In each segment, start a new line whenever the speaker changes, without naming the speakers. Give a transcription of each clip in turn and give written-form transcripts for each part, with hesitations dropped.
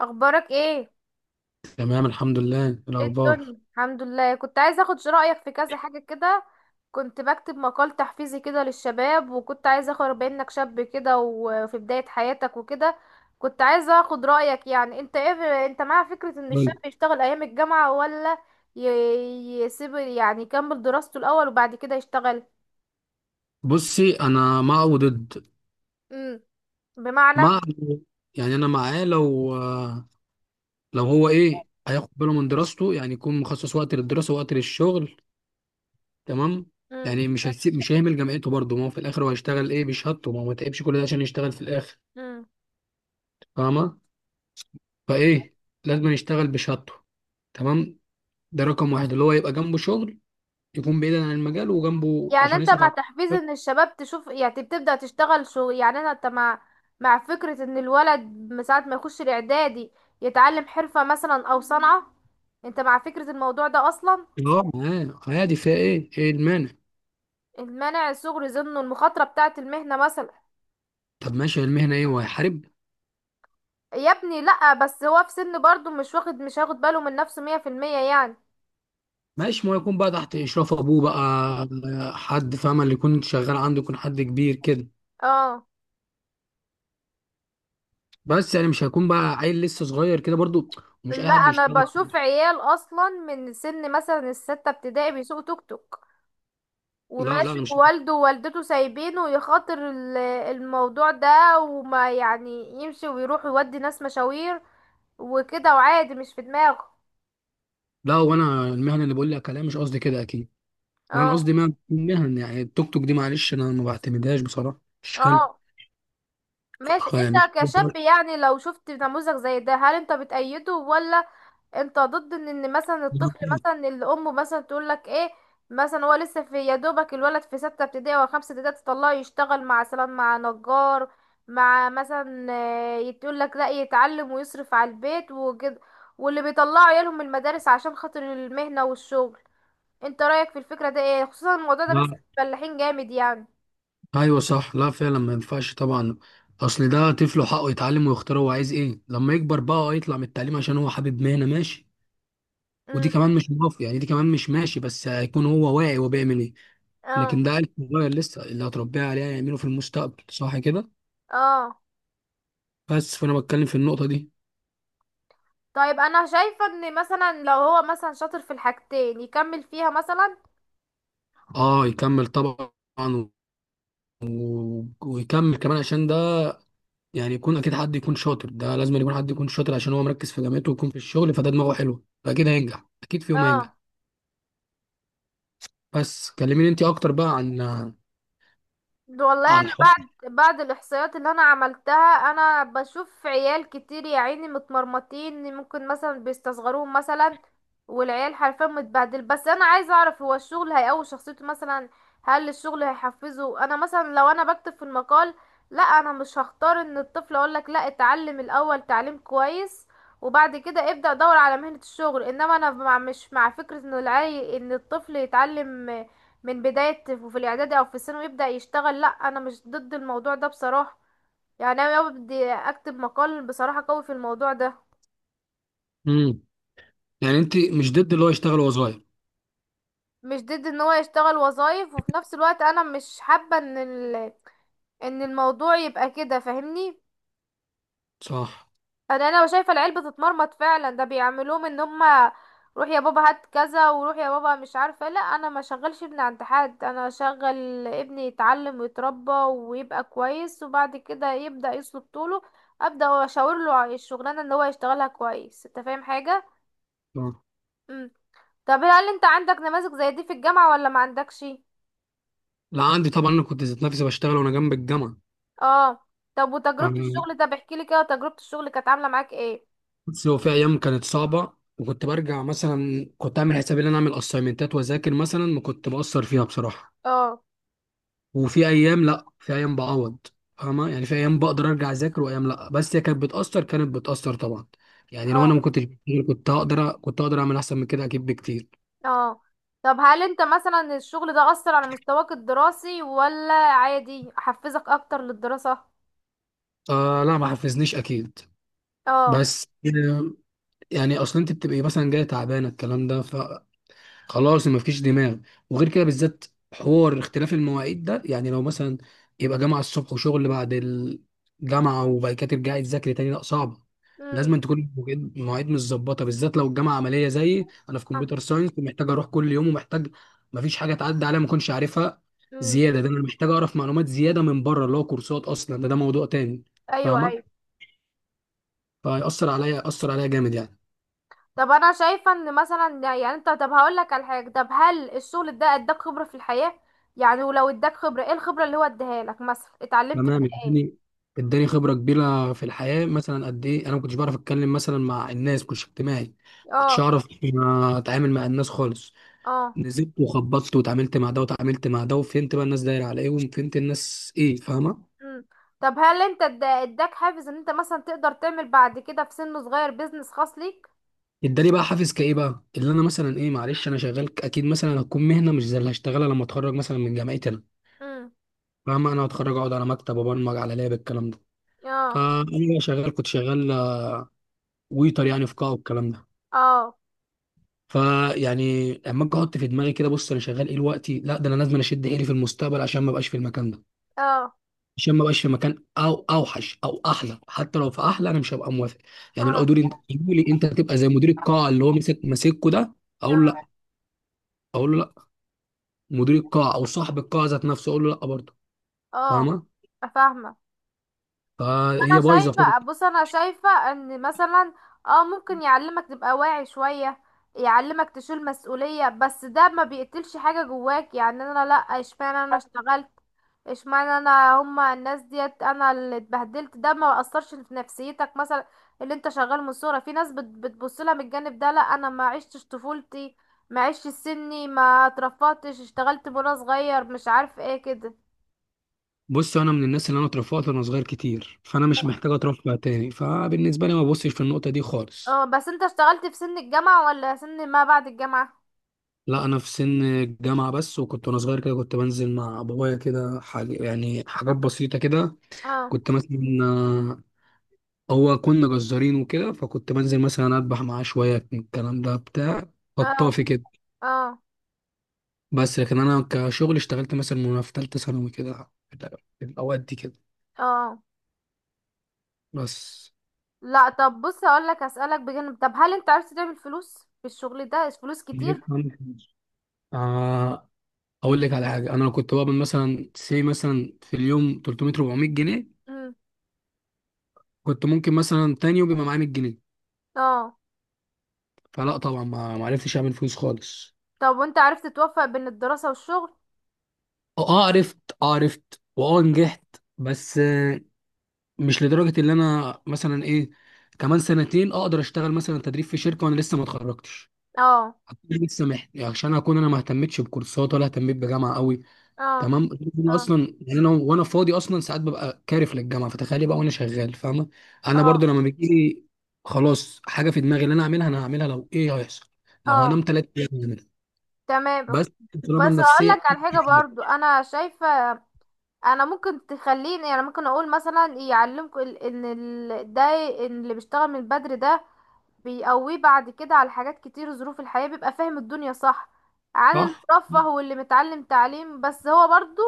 اخبارك ايه؟
تمام، الحمد لله. إيه
ايه
الاخبار؟
الدنيا؟ الحمد لله. كنت عايزه اخد رايك في كذا حاجه كده. كنت بكتب مقال تحفيزي كده للشباب، وكنت عايزه اخد بما انك شاب كده وفي بدايه حياتك وكده. كنت عايزه اخد رايك، يعني انت ايه، انت مع فكره ان الشاب
قول.
يشتغل ايام الجامعه ولا يسيب، يعني يكمل دراسته الاول وبعد كده يشتغل؟
بصي انا مع وضد.
امم. بمعنى؟
مع، يعني انا معاه لو هو ايه هياخد باله من دراسته، يعني يكون مخصص وقت للدراسه ووقت للشغل، تمام؟ يعني مش هيهمل جامعته برضه، ما هو في الاخر هو هيشتغل ايه بشهادته؟ ما هو ما تعبش كل ده عشان يشتغل في الاخر.
امم.
فاهمه؟ فايه، لازم يشتغل بشهادته، تمام. ده رقم واحد، اللي هو يبقى جنبه شغل يكون بعيدا عن المجال وجنبه
يعني
عشان
انت
يصرف
مع
على.
تحفيز ان الشباب تشوف، يعني تبدأ تشتغل شغل، يعني انا انت مع فكرة ان الولد من ساعة ما يخش الاعدادي يتعلم حرفة مثلا او صنعة، انت مع فكرة الموضوع ده اصلا؟
اه معاه عادي، فيها ايه؟ ايه المانع؟
المانع صغري، ظنه المخاطرة بتاعة المهنة مثلا.
طب ماشي، المهنة ايه هو هيحارب؟
يا ابني لأ، بس هو في سن برضه مش هاخد باله من نفسه 100% يعني.
ماشي، ما هو يكون بقى تحت اشراف ابوه بقى، حد فاهم، اللي يكون شغال عنده يكون حد كبير كده،
اه،
بس يعني مش هيكون بقى عيل لسه صغير كده برضو. ومش اي
لا،
حد
انا
يشتغل
بشوف
فيه.
عيال اصلا من سن مثلا الستة ابتدائي بيسوقوا توك توك
لا لا
وماشي،
انا مش
ووالده ووالدته سايبينه يخاطر الموضوع ده، وما يعني يمشي ويروح يودي ناس مشاوير وكده وعادي مش في دماغه.
لا، وانا المهنة اللي بقول لك عليها مش قصدي كده اكيد. لا انا
اه.
قصدي مهن، يعني التوك توك دي معلش انا ما بعتمدهاش بصراحة، مش حلو.
اه، ماشي.
يعني
انت
مش-
كشاب يعني لو شفت نموذج زي ده، هل انت بتأيده ولا انت ضد ان مثلا الطفل، مثلا اللي امه مثلا تقول لك ايه، مثلا هو لسه في يا دوبك الولد في ستة ابتدائي او خمسة ابتدائي تطلعه يشتغل مع مثلا مع نجار، مع مثلا، اه، تقول لك لا يتعلم ويصرف على البيت وكده، واللي بيطلعوا عيالهم المدارس عشان خاطر المهنة والشغل، انت رأيك في الفكرة ده ايه؟ خصوصا الموضوع ده بيحصل
لا
في الفلاحين جامد يعني.
ايوه صح، لا فعلا ما ينفعش طبعا. اصل ده طفله حقه يتعلم ويختار هو عايز ايه لما يكبر بقى. آه يطلع من التعليم عشان هو حابب مهنه، ماشي. ودي
امم.
كمان مش موافق، يعني دي كمان مش ماشي، بس هيكون هو واعي هو بيعمل ايه.
اه.
لكن ده عيل صغير لسه، اللي هتربيه عليه هيعمله في المستقبل، صح كده؟
اه،
بس فانا بتكلم في النقطه دي.
طيب. انا شايفة ان مثلا لو هو مثلا شاطر في الحاجتين يكمل فيها مثلا.
اه يكمل طبعا. و... ويكمل كمان عشان ده يعني يكون اكيد حد يكون شاطر. ده لازم يكون حد يكون شاطر عشان هو مركز في جامعته ويكون في الشغل، فده دماغه حلوه فاكيد هينجح، اكيد في يوم هينجح.
اه.
بس كلميني انت اكتر بقى عن،
والله
عن
انا
الحوار.
بعد الاحصائيات اللي انا عملتها، انا بشوف عيال كتير يا عيني متمرمطين، ممكن مثلا بيستصغروهم مثلا، والعيال حرفيا متبهدل. بس انا عايزه اعرف، هو الشغل هيقوي شخصيته مثلا؟ هل الشغل هيحفزه؟ انا مثلا لو انا بكتب في المقال، لا، انا مش هختار ان الطفل اقول لك لا، اتعلم الاول تعليم كويس وبعد كده ابدأ دور على مهنة الشغل. انما انا مش مع فكرة ان ان الطفل يتعلم من بداية وفي الإعدادي أو في الثانوي يبدأ يشتغل. لأ، أنا مش ضد الموضوع ده بصراحة، يعني أنا لو بدي أكتب مقال بصراحة قوي في الموضوع ده،
امم يعني انت مش ضد اللي هو يشتغل وهو صغير؟
مش ضد إن هو يشتغل وظايف، وفي نفس الوقت أنا مش حابة إن إن الموضوع يبقى كده، فاهمني.
صح.
انا شايفه العيال بتتمرمط فعلا، ده بيعملوهم ان هما روح يا بابا هات كذا، وروح يا بابا مش عارفه. لا، انا ما شغلش ابني عند حد، انا شغل ابني يتعلم ويتربى ويبقى كويس، وبعد كده يبدا يسلك طوله ابدا اشاور له على الشغلانه ان هو يشتغلها كويس. انت فاهم حاجه؟
صح.
امم. طب هل انت عندك نماذج زي دي في الجامعه ولا ما عندكش؟
لا عندي طبعا، انا كنت ذات نفسي بشتغل وانا جنب الجامعه.
اه. طب وتجربه
يعني
الشغل ده، بحكي لي كده، تجربه الشغل كانت عامله معاك ايه؟
بص، هو في ايام كانت صعبه وكنت برجع مثلا، كنت اعمل حسابي ان انا اعمل اسايمنتات واذاكر مثلا، ما كنت بأثر فيها بصراحه.
اه.
وفي ايام لا، في ايام بعوض. فاهمه؟ يعني في ايام بقدر ارجع اذاكر وايام لا، بس هي كانت بتأثر، كانت بتأثر طبعا. يعني لو
اه.
انا ما كنتش بشتغل كنت هقدر اعمل احسن من كده اكيد بكتير.
اه. طب هل انت مثلا الشغل ده أثر على مستواك الدراسي ولا عادي حفزك اكتر للدراسة؟
آه لا ما حفزنيش اكيد.
اه.
بس يعني اصلا انت بتبقي مثلا جايه تعبانه الكلام ده، فخلاص ما فيش دماغ. وغير كده بالذات حوار اختلاف المواعيد ده، يعني لو مثلا يبقى جامعه الصبح وشغل بعد الجامعه وبعد كده ترجعي تذاكري تاني، لا صعبه.
امم.
لازم تكون مواعيد متظبطه، بالذات لو الجامعه عمليه زيي انا في كمبيوتر ساينس ومحتاج اروح كل يوم، ومحتاج ما فيش حاجه تعدي عليا ما اكونش عارفها.
امم.
زياده ده انا محتاج اعرف معلومات زياده من بره اللي هو كورسات، اصلا ده موضوع تاني.
ايوه، ايوه.
فاهمه؟ فيأثر عليا، أثر عليا جامد يعني.
طب انا شايفة ان مثلا يعني انت، طب هقول لك على حاجة، طب هل الشغل ده اداك خبرة في الحياة؟ يعني ولو اداك خبرة، ايه الخبرة اللي هو اديها لك؟ مثلا اتعلمت
تمام،
منها ايه؟
اداني، اداني خبره كبيره في الحياه. مثلا قد ايه انا ما كنتش بعرف اتكلم مثلا مع الناس، كنتش اجتماعي، ما كنتش
اه.
اعرف، ما اتعامل مع الناس خالص.
اه.
نزلت وخبطت وتعاملت مع ده وتعاملت مع ده، وفهمت بقى الناس دايره على ايه، وفهمت الناس ايه. فاهمه؟
امم. طب هل انت اداك حافز ان انت مثلا تقدر تعمل بعد كده في سن صغير بيزنس خاص ليك؟
اداني بقى حافز، كايه بقى اللي انا مثلا ايه، معلش انا شغال اكيد مثلا هتكون مهنه مش زي اللي هشتغلها لما اتخرج مثلا من جامعتي انا.
امم.
فاهمه؟ انا هتخرج اقعد على مكتب ابرمج على لاب، الكلام ده.
اه.
آه انا شغال، كنت شغال آه، ويتر يعني في قاعه والكلام ده.
اه.
فيعني اما اجي احط في دماغي كده، بص انا شغال ايه دلوقتي؟ لا ده انا لازم اشد حيلي في المستقبل عشان ما ابقاش في المكان ده،
اه.
عشان ما ابقاش في مكان او اوحش او احلى. حتى لو في احلى انا مش هبقى موافق. يعني لو
اه.
دوري انت يجوا لي انت تبقى زي مدير القاعه، اللي هو مسك ماسكه ده، اقول لا اقول له لا. مدير القاعه او صاحب القاعه ذات نفسه اقول له لا برضه.
اه.
فاهمه؟
اه، فاهمة.
فهي
انا
بايظه خالص.
شايفة، بص انا شايفة ان مثلا اه ممكن يعلمك تبقى واعي شوية، يعلمك تشيل مسؤولية، بس ده ما بيقتلش حاجة جواك، يعني انا لا، اشمعنى انا اشتغلت، اشمعنى انا، هما الناس ديت انا اللي اتبهدلت. ده ما اثرش في نفسيتك مثلا اللي انت شغال من الصورة؟ في ناس بتبص لها من الجانب ده، لا انا ما عشتش طفولتي، ما عشتش سني، ما اترفضتش، اشتغلت من وانا صغير، مش عارف ايه كده.
بص انا من الناس اللي انا اترفعت وانا صغير كتير، فانا مش محتاج اترفع تاني، فبالنسبه لي ما ببصش في النقطه دي خالص.
اه، بس انت اشتغلت في سن الجامعة ولا سن ما بعد الجامعة؟
لا انا في سن الجامعه بس، وكنت وانا صغير كده كنت بنزل مع بابايا كده، حاجة يعني حاجات بسيطه كده.
اه.
كنت مثلا آه، هو كنا جزارين وكده، فكنت بنزل مثلا اذبح معاه شويه من الكلام ده بتاع
اه.
خطافي كده.
اه.
بس لكن انا كشغل اشتغلت مثلا وانا في ثالثه ثانوي كده، في الاوقات دي كده.
اه.
بس
لا، طب بص اقول لك، اسالك بجانب، طب هل انت عرفت تعمل فلوس في الشغل ده؟ فلوس كتير؟
جيت عندي فلوس. آه، اقول لك على حاجه، انا لو كنت بقبض مثلا سي مثلا في اليوم 300 400 جنيه،
امم.
كنت ممكن مثلا تاني يوم يبقى معايا 100 جنيه.
اه.
فلا طبعا، ما عرفتش اعمل فلوس خالص.
طب وانت عرفت توفق بين الدراسة والشغل؟
اه عرفت، اه عرفت، واه نجحت. بس مش لدرجه اللي انا مثلا ايه، كمان سنتين اقدر اشتغل مثلا تدريب في شركه وانا لسه ما اتخرجتش،
اه.
هكون لسه يعني عشان اكون انا ما اهتمتش بكورسات ولا اهتميت بجامعه قوي.
اه.
تمام. انا
اه.
اصلا يعني انا وانا فاضي اصلا ساعات ببقى كارف للجامعه، فتخيلي بقى وانا شغال. فاهمه؟ انا برضو
اه.
لما بيجي لي خلاص حاجه في دماغي اللي انا اعملها انا هعملها، لو ايه هيحصل، لو
اه،
هنام ثلاث ايام هعملها.
تمام.
بس طالما
بس هقول
النفسيه
لك على حاجة برضو، انا شايفة انا ممكن تخليني، يعني ممكن اقول مثلا يعلمكم ان ده، إن اللي بيشتغل من بدري ده بيقويه بعد كده على حاجات كتير، ظروف الحياة بيبقى فاهم الدنيا صح عن
صح.
المرفه، واللي متعلم تعليم بس هو برضو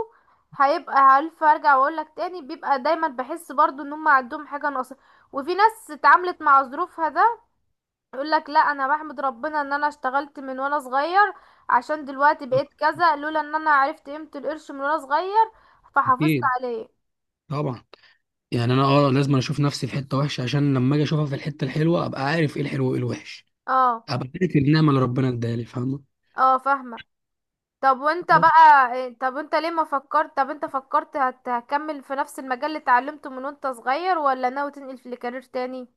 هيبقى عارف، ارجع واقولك تاني، بيبقى دايما بحس برضو ان هم عندهم حاجة ناقصة. وفي ناس اتعاملت مع ظروفها ده يقولك لا انا بحمد ربنا ان انا اشتغلت من وانا صغير، عشان دلوقتي بقيت كذا، لولا ان انا عرفت قيمة القرش من وانا صغير فحافظت
اكيد
عليه.
طبعا. يعني انا اه لازم اشوف نفسي في حته وحشه عشان لما اجي اشوفها في الحته الحلوه ابقى عارف ايه الحلو وايه الوحش،
اه.
ابقى عارف النعمه اللي ربنا اداها لي. فاهمه؟
اه، فاهمة. طب وانت
بس.
بقى طب انت ليه ما فكرت، طب انت فكرت هتكمل في نفس المجال اللي اتعلمته من وانت صغير ولا ناوي تنقل في الكارير تاني؟ ان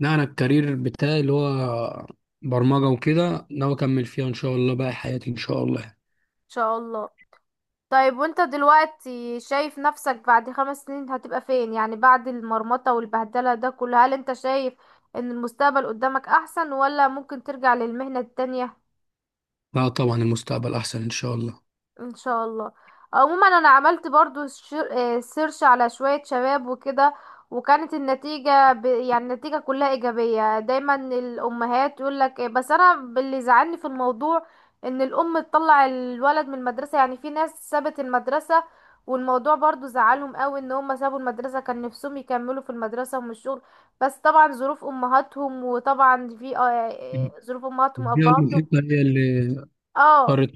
لا انا الكارير بتاعي اللي هو برمجه وكده، ناوي اكمل فيها ان شاء الله باقي حياتي ان شاء الله.
شاء الله. طيب وانت دلوقتي شايف نفسك بعد 5 سنين هتبقى فين؟ يعني بعد المرمطة والبهدلة ده كله، هل انت شايف ان المستقبل قدامك احسن ولا ممكن ترجع للمهنة التانية؟
لا طبعا المستقبل احسن ان شاء الله.
ان شاء الله. عموما انا عملت برضو سيرش على شوية شباب وكده، وكانت النتيجة يعني النتيجة كلها ايجابية، دايما الامهات يقولك بس انا اللي زعلني في الموضوع ان الام تطلع الولد من المدرسة، يعني في ناس سابت المدرسة والموضوع برضو زعلهم قوي ان هم سابوا المدرسة، كان نفسهم يكملوا في المدرسة ومش الشغل. بس طبعا ظروف امهاتهم، وطبعا في ظروف امهاتهم
دي أول
وابهاتهم.
الحته هي اللي
اه.
اضطرت.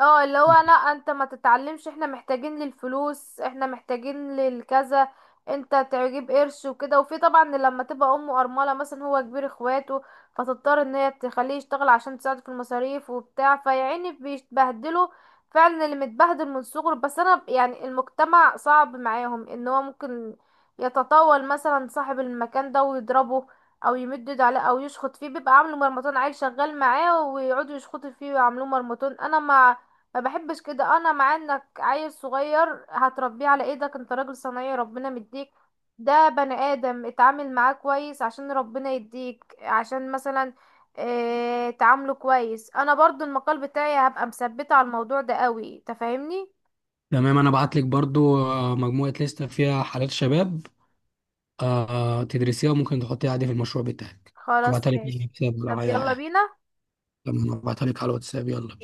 اه، اللي هو انا انت ما تتعلمش، احنا محتاجين للفلوس، احنا محتاجين للكذا، انت تجيب قرش وكده. وفي طبعا لما تبقى امه ارمله مثلا، هو كبير اخواته، فتضطر ان هي تخليه يشتغل عشان تساعده في المصاريف وبتاع، فيعني بيتبهدلوا فعلا اللي متبهدل من صغره. بس انا يعني المجتمع صعب معاهم ان هو ممكن يتطاول مثلا صاحب المكان ده ويضربه او يمد ايده عليه او يشخط فيه، بيبقى عامله مرمطون، عيل شغال معاه ويقعدوا يشخطوا فيه ويعملوه مرمطون. انا ما بحبش كده، انا مع انك عيل صغير هتربيه على ايدك، انت راجل صنايعي ربنا مديك، ده بني ادم اتعامل معاه كويس عشان ربنا يديك، عشان مثلا اه تعامله كويس. انا برضو المقال بتاعي هبقى مثبته على الموضوع ده قوي، تفهمني.
تمام، انا بعت لك برضو مجموعه لسته فيها حالات شباب، آه تدرسيها وممكن تحطيها عادي في المشروع بتاعك.
خلاص،
ابعتها لك
ماشي.
يعني
طب يلا بينا.
لما ابعتها لك على الواتساب، يلا.